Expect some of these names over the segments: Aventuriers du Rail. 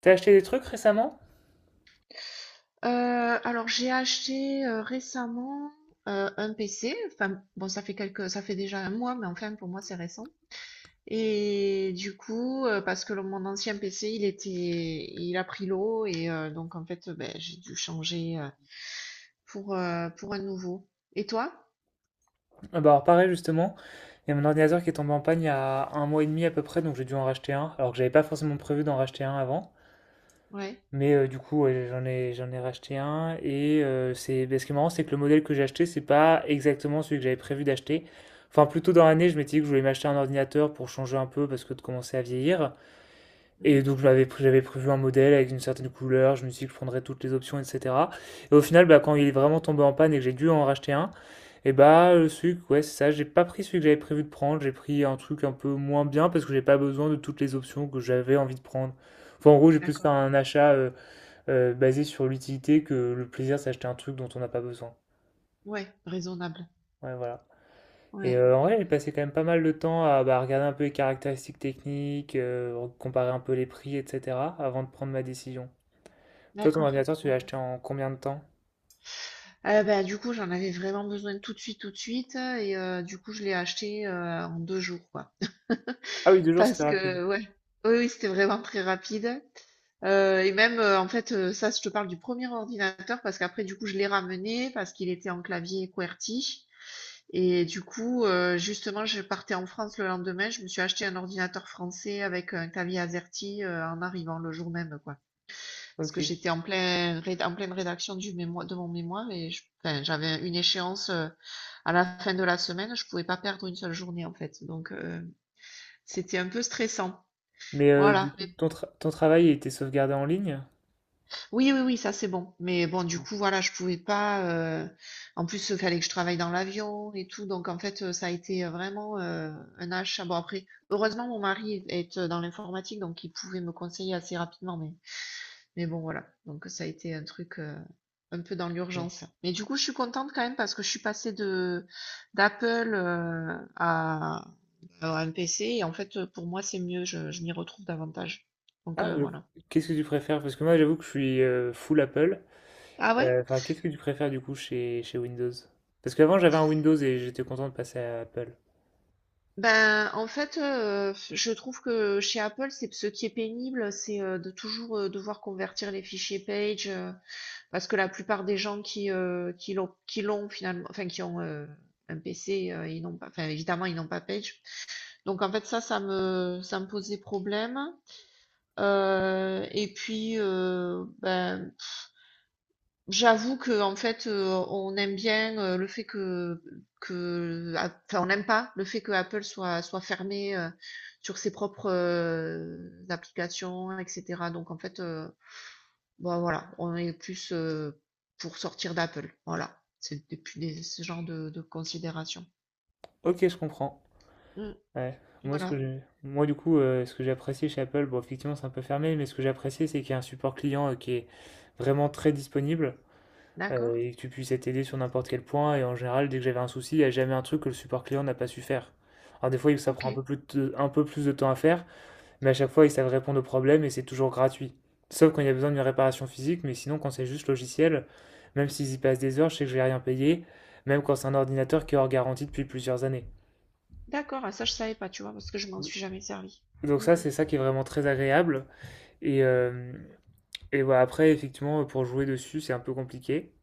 T'as acheté des trucs récemment? Heu, alors j'ai acheté, récemment, un PC. Enfin, bon, ça fait déjà 1 mois, mais enfin pour moi c'est récent. Et du coup, parce que le mon ancien PC il a pris l'eau. Et donc en fait, beh, j'ai dû changer, pour un nouveau. Et toi? Ah, bah alors pareil justement, il y a mon ordinateur qui est tombé en panne il y a un mois et demi à peu près, donc j'ai dû en racheter un, alors que j'avais pas forcément prévu d'en racheter un avant. Ouais. Mais du coup ouais, j'en ai racheté un et ce qui est marrant c'est que le modèle que j'ai acheté c'est pas exactement celui que j'avais prévu d'acheter. Enfin plutôt dans l'année je m'étais dit que je voulais m'acheter un ordinateur pour changer un peu parce que de commencer à vieillir. Et Mmh. donc j'avais prévu un modèle avec une certaine couleur, je me suis dit que je prendrais toutes les options, etc. Et au final, bah, quand il est vraiment tombé en panne et que j'ai dû en racheter un, celui, ouais, c'est ça, j'ai pas pris celui que j'avais prévu de prendre, j'ai pris un truc un peu moins bien parce que j'ai pas besoin de toutes les options que j'avais envie de prendre. Enfin, en gros, j'ai plus fait D'accord. un achat basé sur l'utilité que le plaisir d'acheter un truc dont on n'a pas besoin. Ouais, raisonnable. Ouais, voilà. Et Ouais, en vrai, j'ai passé quand même pas mal de temps à bah, regarder un peu les caractéristiques techniques, comparer un peu les prix, etc., avant de prendre ma décision. Toi, ton d'accord. ordinateur, tu l'as Bon. acheté en combien de temps? Bah, du coup, j'en avais vraiment besoin tout de suite, tout de suite, et du coup, je l'ai acheté, en 2 jours, quoi. Ah oui, deux jours, c'était Parce rapide. que ouais. Oui, oui, c'était vraiment très rapide. Et même, en fait, ça, je te parle du premier ordinateur parce qu'après, du coup, je l'ai ramené parce qu'il était en clavier QWERTY. Et du coup, justement, je partais en France le lendemain. Je me suis acheté un ordinateur français avec un clavier AZERTY, en arrivant le jour même, quoi. Parce que Ok. j'étais en plein réd en pleine rédaction du mémoi de mon mémoire, et je enfin, j'avais une échéance, à la fin de la semaine. Je pouvais pas perdre une seule journée, en fait, donc c'était un peu stressant. Mais du Voilà. coup, ton travail il était sauvegardé en ligne? Oui, oui, oui, ça c'est bon. Mais bon, du coup, voilà, je pouvais pas. En plus, il fallait que je travaille dans l'avion et tout. Donc, en fait, ça a été vraiment un achat. Bon, après, heureusement, mon mari est dans l'informatique, donc il pouvait me conseiller assez rapidement. Mais bon, voilà. Donc, ça a été un truc un peu dans Ouais. l'urgence. Mais du coup, je suis contente quand même parce que je suis passée de d'Apple à un PC. Et en fait, pour moi, c'est mieux. Je m'y retrouve davantage. Donc, Ah, voilà. qu'est-ce que tu préfères? Parce que moi, j'avoue que je suis full Apple. Ah ouais? Enfin, qu'est-ce que tu préfères du coup chez, chez Windows? Parce qu'avant, j'avais un Windows et j'étais content de passer à Apple. Ben, en fait, je trouve que chez Apple, c'est ce qui est pénible, c'est, de toujours, devoir convertir les fichiers Page, parce que la plupart des gens qui l'ont qui l'ont finalement, enfin qui ont, un PC, ils n'ont pas, enfin, évidemment ils n'ont pas Page. Donc, en fait, ça me posait problème, et puis, ben, j'avoue que, en fait, on aime bien, le fait que a enfin, on n'aime pas le fait que Apple soit fermé, sur ses propres, applications, et cetera. Donc, en fait, bah, voilà, on est plus, pour sortir d'Apple. Voilà, c'est depuis des ce genre de considération. Ok, je comprends. Mmh, Ouais. Voilà, Moi, du coup, ce que j'ai apprécié chez Apple, bon, effectivement, c'est un peu fermé, mais ce que j'ai apprécié, c'est qu'il y a un support client qui est vraiment très disponible. D'accord. Et que tu puisses être aidé sur n'importe quel point. Et en général, dès que j'avais un souci, il n'y a jamais un truc que le support client n'a pas su faire. Alors des fois, ça prend OK, un peu plus de temps à faire, mais à chaque fois, ils savent répondre aux problèmes et c'est toujours gratuit. Sauf quand il y a besoin d'une réparation physique, mais sinon, quand c'est juste logiciel, même s'ils y passent des heures, je sais que je vais rien payer, même quand c'est un ordinateur qui est hors garantie depuis plusieurs années. d'accord. Ah ça, je savais pas, tu vois? Parce que je m'en suis jamais servi. Donc Mmh, ça, c'est ça qui est vraiment très agréable. Et, euh, et voilà, après, effectivement, pour jouer dessus, c'est un peu compliqué.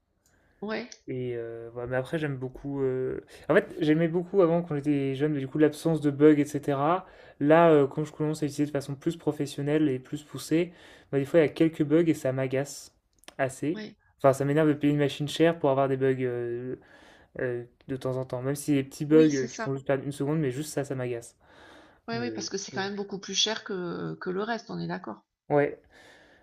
ouais, Et ouais, mais après, j'aime beaucoup. En fait, j'aimais beaucoup avant quand j'étais jeune, mais du coup, l'absence de bugs, etc. Là, quand je commence à utiliser de façon plus professionnelle et plus poussée, bah, des fois, il y a quelques bugs et ça m'agace assez. ouais. Enfin, ça m'énerve de payer une machine chère pour avoir des bugs de temps en temps. Même si des petits bugs Oui, c'est qui ça. font juste perdre une seconde, mais juste ça, ça m'agace. Ouais, Mais ouais, parce que c'est quand même beaucoup plus cher que le reste, on est d'accord? ouais,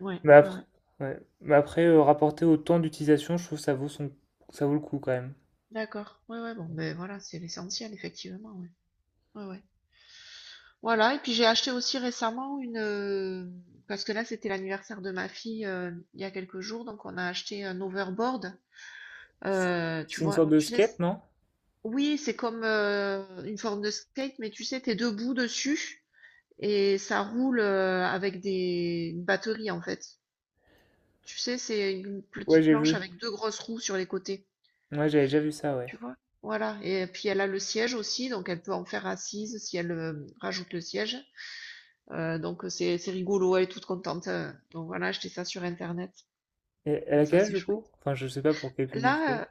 Ouais, mais ouais, après, ouais. ouais. Mais après rapporté au temps d'utilisation, je trouve que ça vaut le coup quand même. D'accord. Ouais, ouais, bon, ben voilà, c'est l'essentiel, effectivement, ouais. Ouais, ouais. Voilà, et puis j'ai acheté aussi récemment parce que là, c'était l'anniversaire de ma fille, il y a quelques jours, donc on a acheté un overboard. Tu C'est une vois, sorte de tu sais, skate, non? oui, c'est comme une forme de skate, mais tu sais, t'es debout dessus et ça roule, avec des une batterie en fait. Tu sais, c'est une Ouais, petite j'ai planche vu. avec deux grosses roues sur les côtés. Ouais, j'avais déjà vu ça, ouais. Tu vois? Voilà. Et puis elle a le siège aussi, donc elle peut en faire assise si elle rajoute le siège. Donc c'est rigolo, elle est toute contente. Donc voilà, acheté ça sur Internet. Et elle a Donc ça, quel âge c'est du chouette. coup? Enfin, je sais pas pour quel public Là, c'est.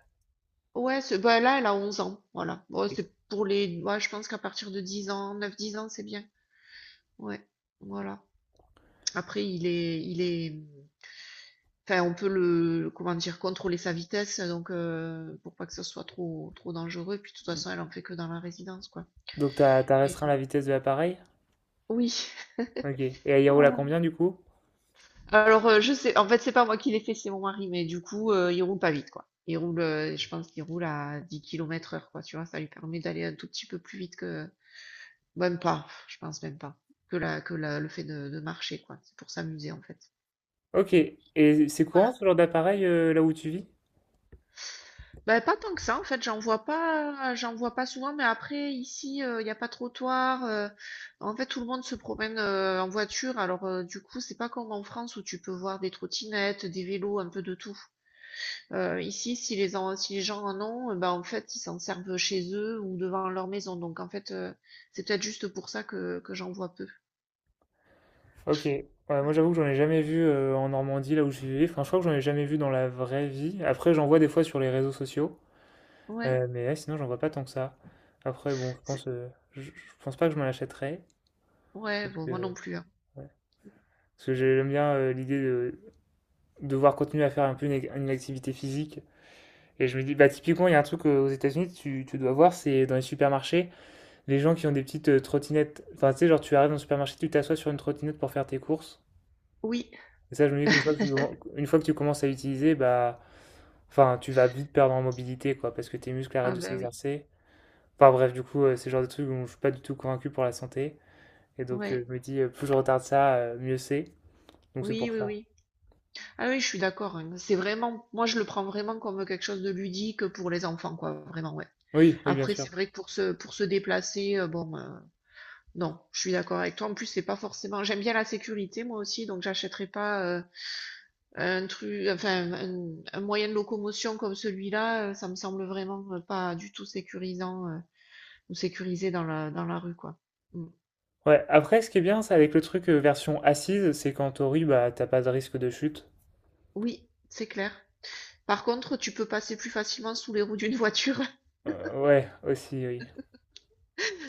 ouais, bah, là, elle a 11 ans. Voilà. Bon, Ok. c'est pour les. Ouais, je pense qu'à partir de 10 ans, neuf dix ans, c'est bien. Ouais. Voilà. Après, enfin, on peut le, comment dire, contrôler sa vitesse, donc pour pas que ce soit trop, trop dangereux. Puis de toute façon, elle en fait que dans la résidence, quoi. Donc t'as Mais restreint la vitesse de l'appareil? oui. Ok. Et elle y roule à Voilà. combien du coup? Alors, je sais, en fait, c'est pas moi qui l'ai fait, c'est mon mari, mais du coup, il roule pas vite, quoi. Je pense qu'il roule à 10 km/h, quoi, tu vois, ça lui permet d'aller un tout petit peu plus vite que, même pas, je pense même pas, le fait de marcher, quoi. C'est pour s'amuser, en fait. Ok. Et c'est courant Voilà. ce genre d'appareil là où tu vis? Ben, pas tant que ça, en fait, j'en vois pas souvent, mais après, ici, il n'y a pas de trottoir, en fait, tout le monde se promène en voiture, alors, du coup, c'est pas comme en France où tu peux voir des trottinettes, des vélos, un peu de tout. Ici, si les gens en ont, bah, en fait, ils s'en servent chez eux ou devant leur maison. Donc, en fait, c'est peut-être juste pour ça que j'en vois peu. Ok. Ouais, moi j'avoue que j'en ai jamais vu en Normandie là où je vivais. Enfin, je crois que j'en ai jamais vu dans la vraie vie. Après, j'en vois des fois sur les réseaux sociaux. Ouais, Mais ouais, sinon, j'en vois pas tant que ça. Après, bon, je c'est- pense, euh, je, je pense pas que je m'en achèterais. ouais, Parce bon, moi que, non plus, hein. ouais. Parce que j'aime bien l'idée de devoir continuer à faire un peu une activité physique. Et je me dis, bah, typiquement, il y a un truc aux États-Unis, tu dois voir, c'est dans les supermarchés, les gens qui ont des petites trottinettes. Enfin, tu sais, genre, tu arrives dans le supermarché, tu t'assois sur une trottinette pour faire tes courses. Oui, Et ça, je me dis qu'une fois que tu, commen- une fois que tu commences à l'utiliser, bah, enfin, tu vas vite perdre en mobilité, quoi, parce que tes muscles arrêtent ah de ben oui, s'exercer. Enfin, bref, du coup, c'est le genre de truc où je suis pas du tout convaincu pour la santé. Et donc, ouais, je me dis, plus je retarde ça, mieux c'est. Donc, c'est oui, pour oui, ça. oui. Ah oui, je suis d'accord, hein. C'est vraiment, moi, je le prends vraiment comme quelque chose de ludique pour les enfants, quoi, vraiment, ouais. Oui, oui, bien Après, c'est sûr. vrai que pour se déplacer, bon, non, je suis d'accord avec toi. En plus, c'est pas forcément. J'aime bien la sécurité, moi aussi, donc j'achèterai pas. Enfin, un moyen de locomotion comme celui-là, ça me semble vraiment pas du tout sécurisant, ou sécurisé dans la rue, quoi. Mm. Ouais, après, ce qui est bien, c'est avec le truc version assise, c'est qu'en théorie, bah, t'as pas de risque de chute. Oui, c'est clair. Par contre, tu peux passer plus facilement sous les roues d'une voiture. Ouais, aussi, oui.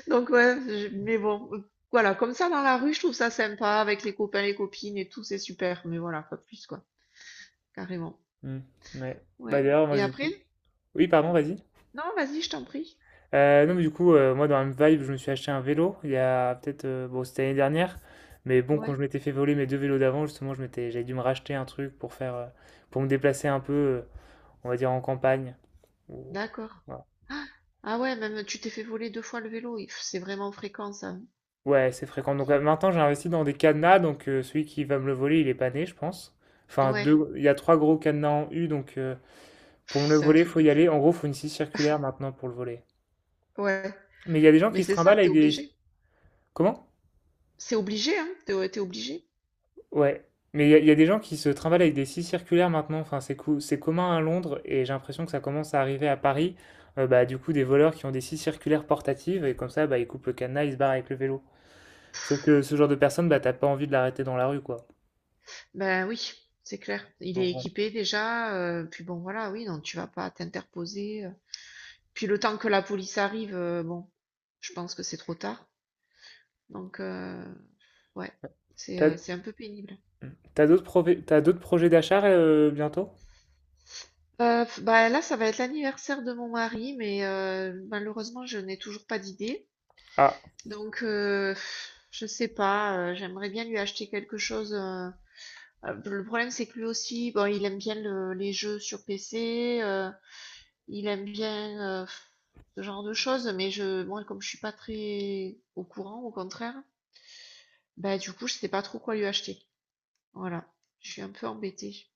Donc, ouais, mais bon, voilà, comme ça dans la rue, je trouve ça sympa avec les copains, les copines et tout, c'est super. Mais voilà, pas plus, quoi. Carrément. Hmm, ouais. Bah Ouais. d'ailleurs, moi Et du après? coup. Oui, pardon, vas-y. Non, vas-y, je t'en prie. Non, mais du coup, moi dans la même vibe, je me suis acheté un vélo il y a peut-être. Bon, c'était l'année dernière. Mais bon, quand je Ouais, m'étais fait voler mes deux vélos d'avant, justement, j'avais dû me racheter un truc pour faire. Pour me déplacer un peu, on va dire, en campagne. Ou- d'accord. voilà. Ah ah ouais, même tu t'es fait voler deux fois le vélo. C'est vraiment fréquent, ça. Ouais, c'est fréquent. Donc maintenant, j'ai investi dans des cadenas. Donc celui qui va me le voler, il est pas né, je pense. Enfin, Ouais, deux, il y a trois gros cadenas en U. Donc pour pff, me le c'est un voler, il truc faut de y fou. aller. En gros, il faut une scie circulaire maintenant pour le voler. Ouais, Mais il y a des gens qui mais se c'est ça, trimballent avec t'es des... obligé. Comment? C'est obligé, hein, t'es obligé. Ouais. Mais il y a des gens qui se trimballent avec des scies circulaires maintenant. Enfin, c'est commun à Londres et j'ai l'impression que ça commence à arriver à Paris. Bah, du coup, des voleurs qui ont des scies circulaires portatives et comme ça, bah, ils coupent le cadenas, ils se barrent avec le vélo. Sauf que ce genre de personne, bah, t'as pas envie de l'arrêter dans la rue, quoi. Ben oui, c'est clair. Il Donc est bon. équipé déjà, puis bon, voilà, oui, non, tu vas pas t'interposer. Puis le temps que la police arrive, bon, je pense que c'est trop tard. Donc, ouais, c'est euh, T'as c'est un peu pénible. t'as d'autres projets d'achat bientôt? Bah là, ça va être l'anniversaire de mon mari, mais malheureusement, je n'ai toujours pas d'idée. Ah, Donc, je sais pas, j'aimerais bien lui acheter quelque chose. Le problème, c'est que lui aussi, bon, il aime bien les jeux sur PC, il aime bien ce genre de choses, mais moi, comme je suis pas très au courant, au contraire, bah, du coup, je sais pas trop quoi lui acheter. Voilà, je suis un peu embêtée.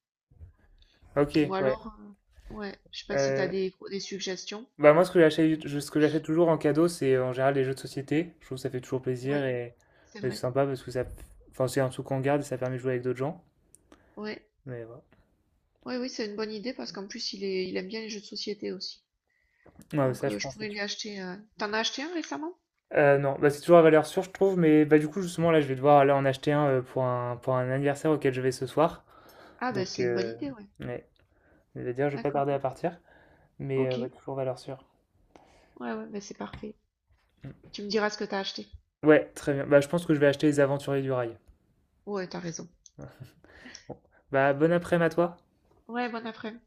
ok, Ou ouais. alors, ouais, je sais pas si t'as Euh, des suggestions. Bah moi, ce que j'achète toujours en cadeau, c'est en général les jeux de société. Je trouve que ça fait toujours plaisir Ouais, c'est et c'est vrai. sympa parce que ça, enfin, c'est un truc qu'on garde et ça permet de jouer avec d'autres gens. Ouais, Mais voilà. ouais, oui, c'est une bonne idée parce qu'en plus, il aime bien les jeux de société aussi. Ouais, ça, Donc, je je pense. C'est pourrais tou- lui acheter. T'en as acheté un récemment? Non, bah, c'est toujours à valeur sûre, je trouve. Mais bah, du coup, justement, là, je vais devoir aller en acheter un pour pour un anniversaire auquel je vais ce soir. Ah, ben, Donc, c'est une bonne idée, ouais. ouais, je vais dire, je vais pas D'accord. tarder à partir. Mais Ok. Ouais, Ouais, toujours valeur sûre. ouais, ben, c'est parfait. Mm. Tu me diras ce que t'as acheté. Ouais, très bien. Bah, je pense que je vais acheter les Aventuriers du Rail. Ouais, t'as raison. Bon. Bah, bon après-midi à toi. Ouais, bon après-midi.